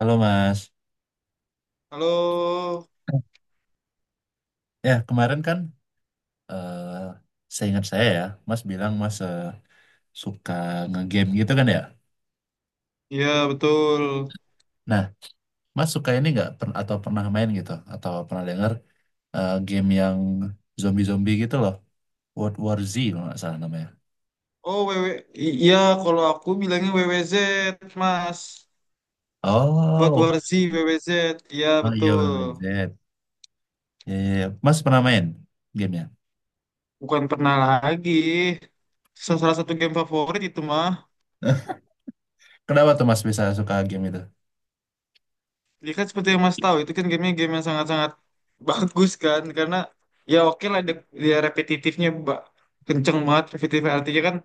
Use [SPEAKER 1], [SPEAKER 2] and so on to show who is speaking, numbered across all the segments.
[SPEAKER 1] Halo Mas,
[SPEAKER 2] Halo,
[SPEAKER 1] ya kemarin kan eh seingat saya ya, Mas bilang Mas suka ngegame gitu kan ya.
[SPEAKER 2] iya betul.
[SPEAKER 1] Nah, Mas suka ini nggak atau pernah main gitu atau pernah dengar game yang zombie-zombie gitu loh, World War Z kalau nggak salah namanya.
[SPEAKER 2] Oh, W W, iya kalau aku bilangnya W W Z Mas. Buat
[SPEAKER 1] Oh,
[SPEAKER 2] Warzi W W Z, iya
[SPEAKER 1] oh iya
[SPEAKER 2] betul.
[SPEAKER 1] WWZ. Ya, ya, ya. Mas pernah main gamenya?
[SPEAKER 2] Bukan pernah lagi. Salah satu game favorit itu mah.
[SPEAKER 1] Kenapa tuh Mas bisa suka game itu?
[SPEAKER 2] Ya kan seperti yang Mas tahu, itu kan gamenya game yang sangat-sangat bagus kan. Karena ya oke lah, dia dia repetitifnya kenceng banget. Repetitif artinya kan,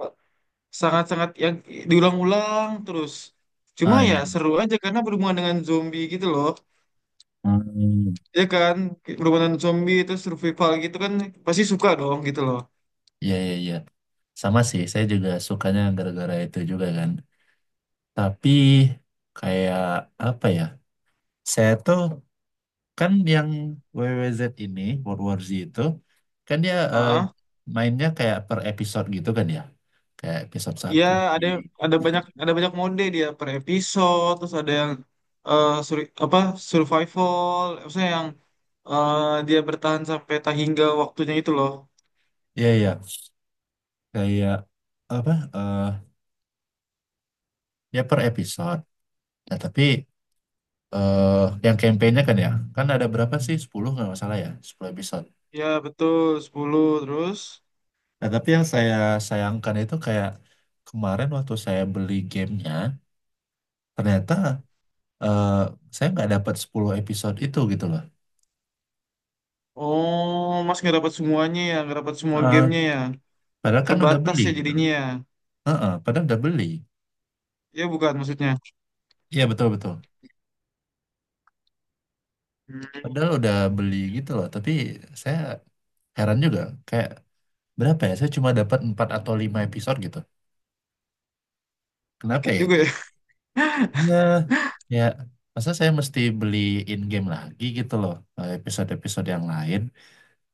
[SPEAKER 2] eh, sangat-sangat yang diulang-ulang terus. Cuma
[SPEAKER 1] Ah,
[SPEAKER 2] ya
[SPEAKER 1] iya. Iya.
[SPEAKER 2] seru aja karena berhubungan dengan zombie gitu loh.
[SPEAKER 1] Hmm.
[SPEAKER 2] Ya kan, berhubungan dengan zombie itu survival gitu kan, pasti suka dong gitu loh.
[SPEAKER 1] Iya, iya, iya. Sama sih, saya juga sukanya gara-gara itu juga kan. Tapi kayak apa ya? Saya tuh kan yang W W Z ini, World War Z itu, kan dia
[SPEAKER 2] ah
[SPEAKER 1] mainnya kayak per episode gitu kan ya. Kayak episode
[SPEAKER 2] Ya
[SPEAKER 1] satu di.
[SPEAKER 2] ada ada banyak mode dia per episode, terus ada yang eh, suri- apa survival, maksudnya yang eh, dia bertahan sampai tak hingga waktunya itu loh.
[SPEAKER 1] Iya, iya. Kayak apa? Ya per episode. Nah, tapi eh yang campaign-nya kan ya, kan ada berapa sih? 10 nggak masalah ya, 10 episode.
[SPEAKER 2] Ya betul, 10 terus.
[SPEAKER 1] Nah, tapi yang saya sayangkan itu kayak kemarin waktu saya beli gamenya, ternyata, eh, saya nggak dapat 10 episode itu gitu loh.
[SPEAKER 2] Oh, Mas nggak dapat semuanya ya, nggak dapat semua
[SPEAKER 1] Eh,
[SPEAKER 2] gamenya ya.
[SPEAKER 1] Padahal kan udah
[SPEAKER 2] Terbatas
[SPEAKER 1] beli
[SPEAKER 2] ya
[SPEAKER 1] gitu loh.
[SPEAKER 2] jadinya ya.
[SPEAKER 1] Heeh, padahal udah beli.
[SPEAKER 2] Ya bukan maksudnya.
[SPEAKER 1] Iya, betul-betul.
[SPEAKER 2] Hmm,
[SPEAKER 1] Padahal udah beli gitu loh. Tapi saya heran juga. Kayak berapa ya? Saya cuma dapat 4 atau 5 episode gitu. Kenapa
[SPEAKER 2] Dikit
[SPEAKER 1] ya
[SPEAKER 2] juga
[SPEAKER 1] itu?
[SPEAKER 2] ya.
[SPEAKER 1] Iya. Ya, masa saya mesti beli in-game lagi gitu loh. Episode-episode yang lain.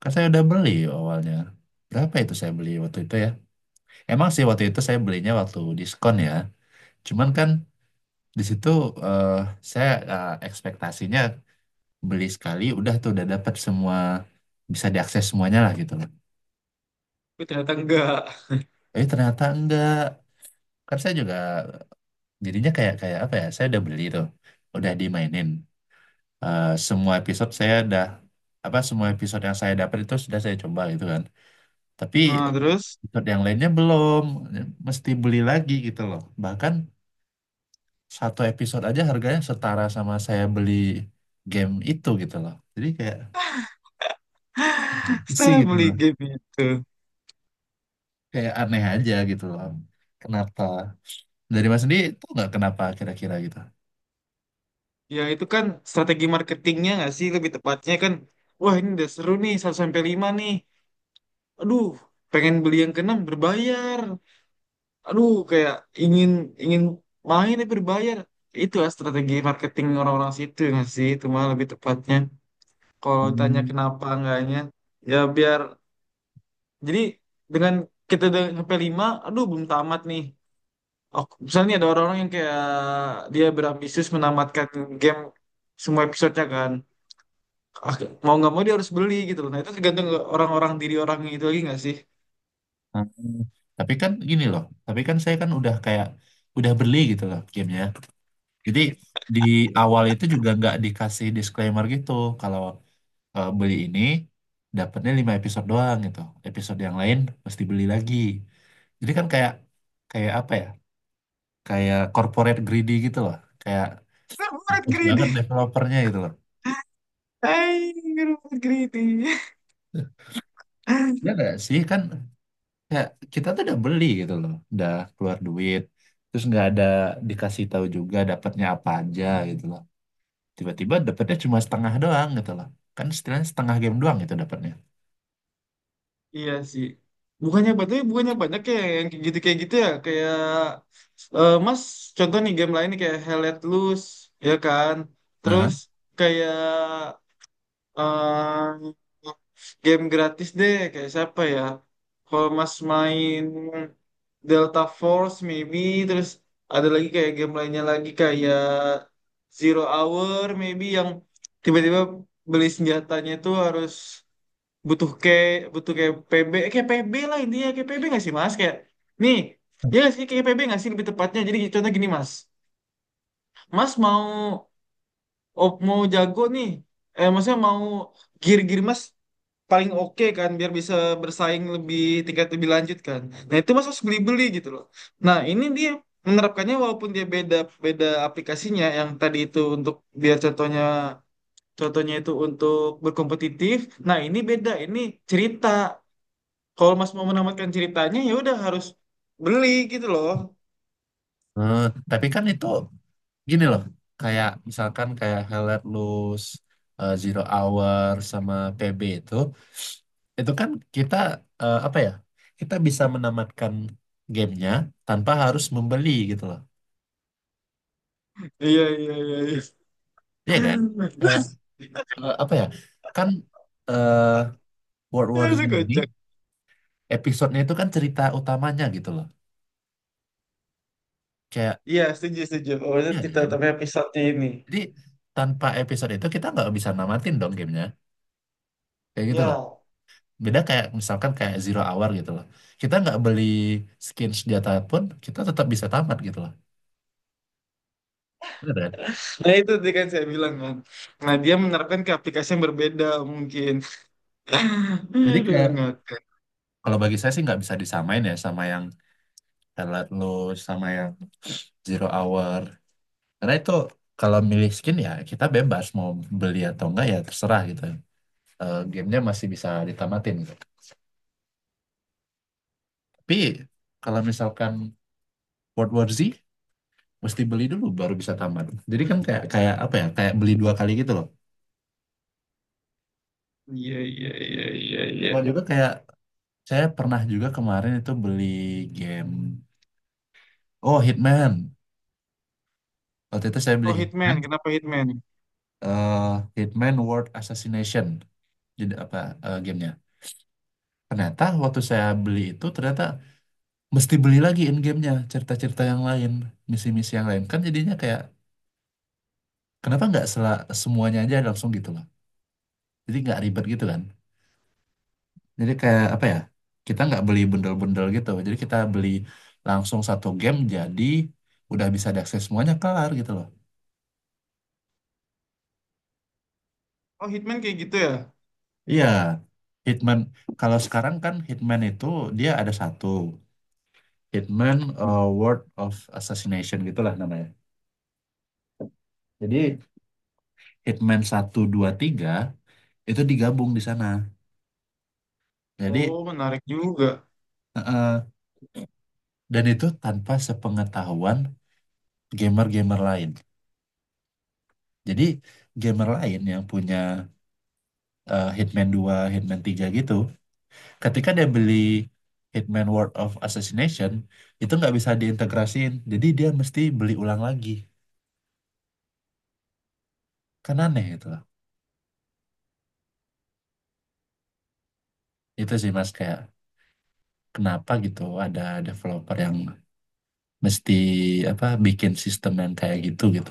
[SPEAKER 1] Kan saya udah beli awalnya. Berapa itu saya beli waktu itu ya? Emang sih waktu itu saya belinya waktu diskon ya. Cuman kan di situ, eh, saya ekspektasinya beli sekali udah tuh udah dapat semua, bisa diakses semuanya lah gitu loh.
[SPEAKER 2] Tapi ternyata enggak.
[SPEAKER 1] Tapi ternyata enggak. Kan saya juga jadinya kayak kayak apa ya? Saya udah beli tuh, udah dimainin. Semua episode saya udah apa, semua episode yang saya dapat itu sudah saya coba gitu kan. Tapi
[SPEAKER 2] Nah, terus
[SPEAKER 1] episode yang lainnya belum, ya, mesti beli lagi gitu loh. Bahkan satu episode aja harganya setara sama saya beli game itu gitu loh. Jadi kayak gitu sih
[SPEAKER 2] setelah
[SPEAKER 1] gitu
[SPEAKER 2] beli
[SPEAKER 1] loh.
[SPEAKER 2] game itu,
[SPEAKER 1] Kayak aneh aja gitu loh. Kenapa? Dari Mas sendiri itu nggak kenapa kira-kira gitu?
[SPEAKER 2] ya itu kan strategi marketingnya nggak sih, lebih tepatnya kan, wah ini udah seru nih 1 sampai 5 nih. Aduh, pengen beli yang keenam berbayar. Aduh, kayak ingin ingin main tapi berbayar. Itu lah strategi marketing orang-orang situ nggak sih? Itu mah lebih tepatnya. Kalau tanya
[SPEAKER 1] Hmm.
[SPEAKER 2] kenapa enggaknya, ya biar jadi dengan kita udah sampai lima, aduh belum tamat nih. Oh, misalnya nih ada orang-orang yang kayak dia berambisius menamatkan game semua episodenya kan. Ah, mau nggak mau dia harus beli gitu loh. Nah itu tergantung orang-orang diri orang itu lagi nggak sih?
[SPEAKER 1] Nah, tapi kan gini loh, tapi kan saya kan udah kayak udah beli gitu loh gamenya. Jadi di awal itu juga nggak dikasih disclaimer gitu kalau beli ini dapatnya 5 episode doang gitu. Episode yang lain mesti beli lagi. Jadi kan kayak kayak apa ya? Kayak corporate greedy gitu loh. Kayak
[SPEAKER 2] Corporate
[SPEAKER 1] bagus banget
[SPEAKER 2] greedy.
[SPEAKER 1] developernya gitu loh.
[SPEAKER 2] Hai, corporate greedy.
[SPEAKER 1] Ya nggak sih, kan kayak kita tuh udah beli gitu loh, udah keluar duit, terus nggak ada dikasih tahu juga dapatnya apa aja gitu loh. Tiba-tiba dapatnya cuma setengah doang gitu loh, kan setidaknya setengah game doang gitu dapatnya.
[SPEAKER 2] Iya sih. Bukannya banyak kayak yang kayak gitu ya. Kayak, Mas, contoh nih game lain nih kayak Hell Let Loose, ya kan. Terus
[SPEAKER 1] Aha.
[SPEAKER 2] kayak, eh game gratis deh, kayak siapa ya? Kalau Mas main Delta Force maybe, terus ada lagi kayak game lainnya lagi kayak Zero Hour maybe, yang tiba-tiba beli senjatanya itu harus butuh kayak butuh kayak PB, kayak P B lah, intinya kayak P B nggak sih Mas, kayak nih, ya nggak sih kayak P B nggak sih lebih tepatnya. Jadi contoh gini Mas Mas mau mau jago nih, maksudnya mau gear-gear Mas paling oke kan biar bisa bersaing lebih tingkat lebih lanjut kan. Nah itu Mas harus beli-beli gitu loh. Nah ini dia menerapkannya walaupun dia beda beda aplikasinya yang tadi itu untuk biar contohnya contohnya itu untuk berkompetitif. Nah ini beda, ini cerita. Kalau Mas mau menamatkan ceritanya ya udah harus beli gitu loh.
[SPEAKER 1] Eh, tapi kan itu gini loh, kayak misalkan kayak Hell Let Loose, Zero Hour sama PB itu, kan kita, apa ya, kita bisa menamatkan gamenya tanpa harus membeli gitu loh.
[SPEAKER 2] Iya, iya, iya. Iya.
[SPEAKER 1] Iya kan, kayak apa ya, kan eh World War Z
[SPEAKER 2] Aduh
[SPEAKER 1] ini
[SPEAKER 2] kocak.
[SPEAKER 1] episodenya itu kan cerita utamanya gitu loh. Kayak,
[SPEAKER 2] Iya, setuju setuju. Oh itu
[SPEAKER 1] ya
[SPEAKER 2] cerita
[SPEAKER 1] kan,
[SPEAKER 2] tapi episode ini.
[SPEAKER 1] jadi tanpa episode itu kita nggak bisa namatin dong gamenya, kayak gitu loh.
[SPEAKER 2] Iya.
[SPEAKER 1] Beda kayak misalkan kayak Zero Hour gitu loh, kita nggak beli skin senjata pun kita tetap bisa tamat gitu loh, bener kan.
[SPEAKER 2] Nah itu tadi kan saya bilang kan. Nah dia menerapkan ke aplikasi yang berbeda mungkin.
[SPEAKER 1] Jadi
[SPEAKER 2] Aduh
[SPEAKER 1] kayak
[SPEAKER 2] ngakak.
[SPEAKER 1] kalau bagi saya sih nggak bisa disamain ya sama yang Twilight Lost sama yang Zero Hour karena itu kalau milih skin ya kita bebas mau beli atau enggak ya terserah gitu. Eh, gamenya masih bisa ditamatin gitu. Tapi kalau misalkan World War Z mesti beli dulu baru bisa tamat. Jadi kan kayak kayak apa ya? Kayak beli dua kali gitu loh.
[SPEAKER 2] Iya, iya, iya, iya, iya.
[SPEAKER 1] Mau juga kayak saya pernah juga kemarin itu beli game, oh Hitman. Waktu itu saya beli
[SPEAKER 2] Oh
[SPEAKER 1] Hitman,
[SPEAKER 2] Hitman, kenapa Hitman?
[SPEAKER 1] eh, Hitman World Assassination. Jadi apa, gamenya? Ternyata waktu saya beli itu ternyata mesti beli lagi in gamenya, cerita-cerita yang lain, misi-misi yang lain. Kan jadinya kayak kenapa nggak semuanya aja langsung gitu loh? Jadi nggak ribet gitu kan. Jadi kayak apa ya? Kita nggak beli bundel-bundel gitu. Jadi kita beli langsung satu game jadi udah bisa diakses semuanya kelar gitu loh.
[SPEAKER 2] Oh Hitman kayak gitu ya?
[SPEAKER 1] Iya. Hitman kalau sekarang kan Hitman itu dia ada satu Hitman World of Assassination gitulah namanya. Jadi Hitman 1, 2, 3 itu digabung di sana. Jadi
[SPEAKER 2] Oh menarik juga.
[SPEAKER 1] eh, eh, dan itu tanpa sepengetahuan gamer-gamer lain. Jadi gamer lain yang punya Hitman 2, Hitman 3 gitu. Ketika dia beli Hitman World of Assassination, itu nggak bisa diintegrasiin. Jadi dia mesti beli ulang lagi. Kan aneh itu. Itu sih Mas, kayak kenapa gitu ada developer yang mesti apa bikin sistem yang kayak gitu gitu.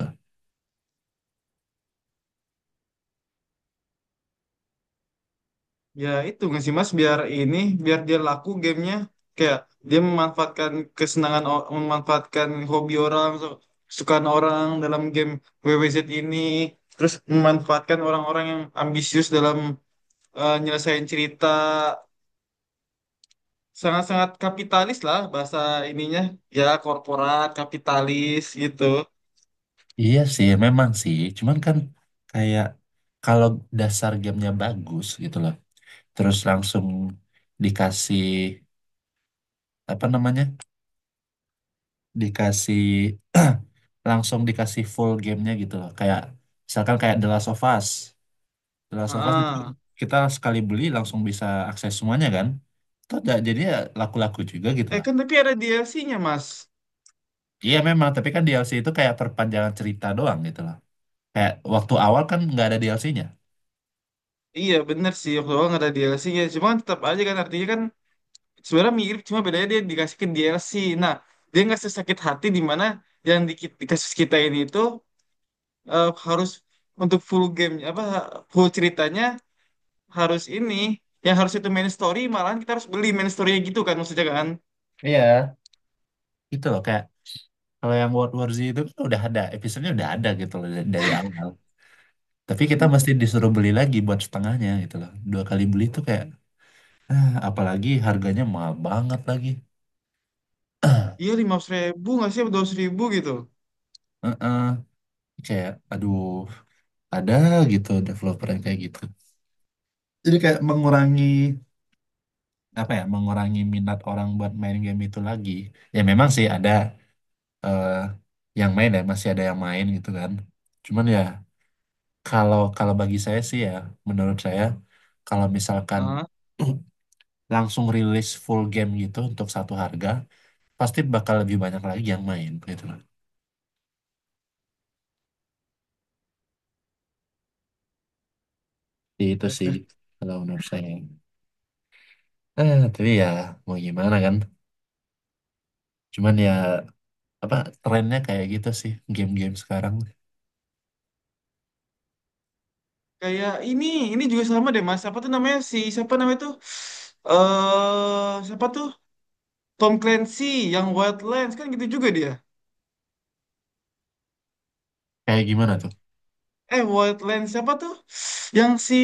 [SPEAKER 2] Ya itu nggak sih Mas, biar ini, biar dia laku gamenya, kayak dia memanfaatkan kesenangan memanfaatkan hobi orang kesukaan orang dalam game WWZ ini, terus memanfaatkan orang-orang yang ambisius dalam nyelesain cerita, sangat-sangat kapitalis lah bahasa ininya, ya korporat kapitalis gitu.
[SPEAKER 1] Iya sih, memang sih. Cuman kan kayak kalau dasar gamenya bagus gitu loh. Terus langsung dikasih apa namanya, dikasih langsung dikasih full gamenya gitu loh. Kayak misalkan kayak The Last of Us. The Last of Us itu
[SPEAKER 2] Heeh.
[SPEAKER 1] kita sekali beli langsung bisa akses semuanya kan. Itu jadi ya laku-laku juga gitu loh.
[SPEAKER 2] Kan tapi ada DLC-nya Mas.
[SPEAKER 1] Iya memang, tapi kan DLC itu kayak perpanjangan cerita doang gitu loh. Kayak waktu awal kan nggak ada DLC-nya.
[SPEAKER 2] Iya bener sih, waktu awal ada DLC-nya, cuma kan tetap aja kan, artinya kan sebenarnya mirip, cuma bedanya dia dikasih ke DLC. Nah dia nggak sesakit hati di mana yang di kasus kita ini itu harus untuk full game, apa full ceritanya harus ini, yang harus itu main story, malahan kita harus beli main story gitu kan maksudnya kan.
[SPEAKER 1] Iya. Gitu loh, kayak kalau yang World War Z itu kan udah ada, episodenya udah ada gitu loh dari awal. Tapi kita mesti disuruh beli lagi buat setengahnya gitu loh. Dua kali beli itu kayak. Nah, apalagi harganya mahal banget lagi.
[SPEAKER 2] Iya 5.000 nggak sih, 2.000 gitu.
[SPEAKER 1] Heeh, kayak, aduh, ada gitu developer yang kayak gitu. Jadi kayak mengurangi apa ya, mengurangi minat orang buat main game itu lagi. Ya memang sih ada eh, yang main ya, masih ada yang main gitu kan. Cuman ya kalau kalau bagi saya sih ya, menurut saya kalau misalkan
[SPEAKER 2] Ah,
[SPEAKER 1] langsung rilis full game gitu untuk satu harga, pasti bakal lebih banyak lagi yang main gitu loh. Jadi itu sih kalau menurut saya. Tapi ya mau gimana kan? Cuman ya apa, trennya kayak gitu sih game-game sekarang.
[SPEAKER 2] kayak ini juga sama deh Mas. Apa tuh namanya si siapa namanya tuh? Eh, siapa tuh? Tom Clancy yang Wildlands kan gitu juga dia.
[SPEAKER 1] Kayak gimana tuh?
[SPEAKER 2] Eh, Wildlands siapa tuh? Yang si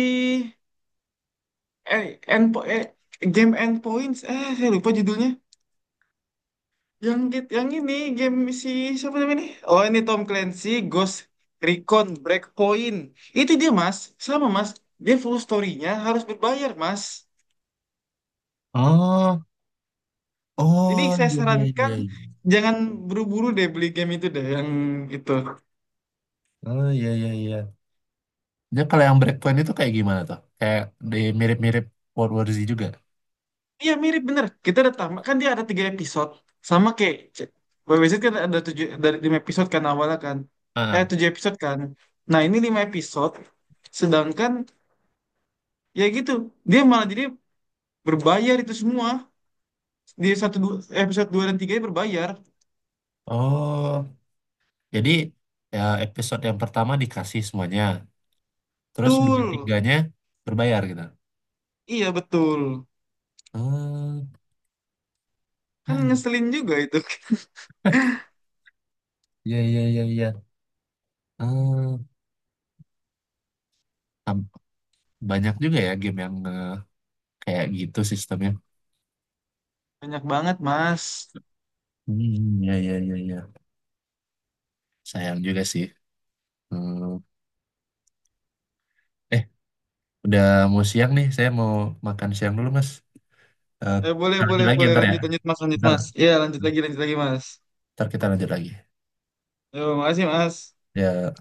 [SPEAKER 2] eh, Endpo eh, game Endpoints. Eh, saya lupa judulnya. Yang ini game si siapa namanya nih? Oh, ini Tom Clancy Ghost Recon Breakpoint. Itu dia Mas, sama Mas. Dia full story-nya harus berbayar Mas.
[SPEAKER 1] Oh,
[SPEAKER 2] Jadi
[SPEAKER 1] oh
[SPEAKER 2] saya
[SPEAKER 1] iya, iya,
[SPEAKER 2] sarankan
[SPEAKER 1] iya. Iya.
[SPEAKER 2] jangan buru-buru deh beli game itu deh yang itu.
[SPEAKER 1] Oh, iya, iya, iya. Dia kalau yang Breakpoint itu kayak gimana tuh? Kayak di mirip-mirip World War Z juga.
[SPEAKER 2] Iya mirip bener. Kita ada tamat kan, dia ada tiga episode sama kayak WWZ kan, ada tujuh dari lima episode kan awalnya kan. Eh
[SPEAKER 1] Ah.
[SPEAKER 2] tujuh episode kan. Nah ini lima episode. Sedangkan ya gitu dia malah jadi berbayar itu semua di satu dua, episode dua dan tiga ini berbayar.
[SPEAKER 1] Oh, jadi ya episode yang pertama dikasih semuanya. Terus dua
[SPEAKER 2] Betul.
[SPEAKER 1] tiganya berbayar gitu.
[SPEAKER 2] Iya betul.
[SPEAKER 1] Oh,
[SPEAKER 2] Kan ngeselin juga itu.
[SPEAKER 1] iya, iya, iya, iya. Oh, tam- banyak juga ya game yang kayak gitu sistemnya.
[SPEAKER 2] Banyak banget Mas.
[SPEAKER 1] Hmm, ya, ya, ya, ya. Sayang juga sih. Hmm. Eh, udah mau siang nih. Saya mau makan siang dulu, Mas. Eh,
[SPEAKER 2] Eh, boleh,
[SPEAKER 1] Lanjut
[SPEAKER 2] boleh,
[SPEAKER 1] lagi
[SPEAKER 2] boleh.
[SPEAKER 1] ntar ya.
[SPEAKER 2] Lanjut, lanjut, Mas. Lanjut,
[SPEAKER 1] Ntar,
[SPEAKER 2] Mas. Iya, lanjut lagi, Mas.
[SPEAKER 1] ntar kita lanjut lagi.
[SPEAKER 2] Yo, makasih, Mas.
[SPEAKER 1] Ya.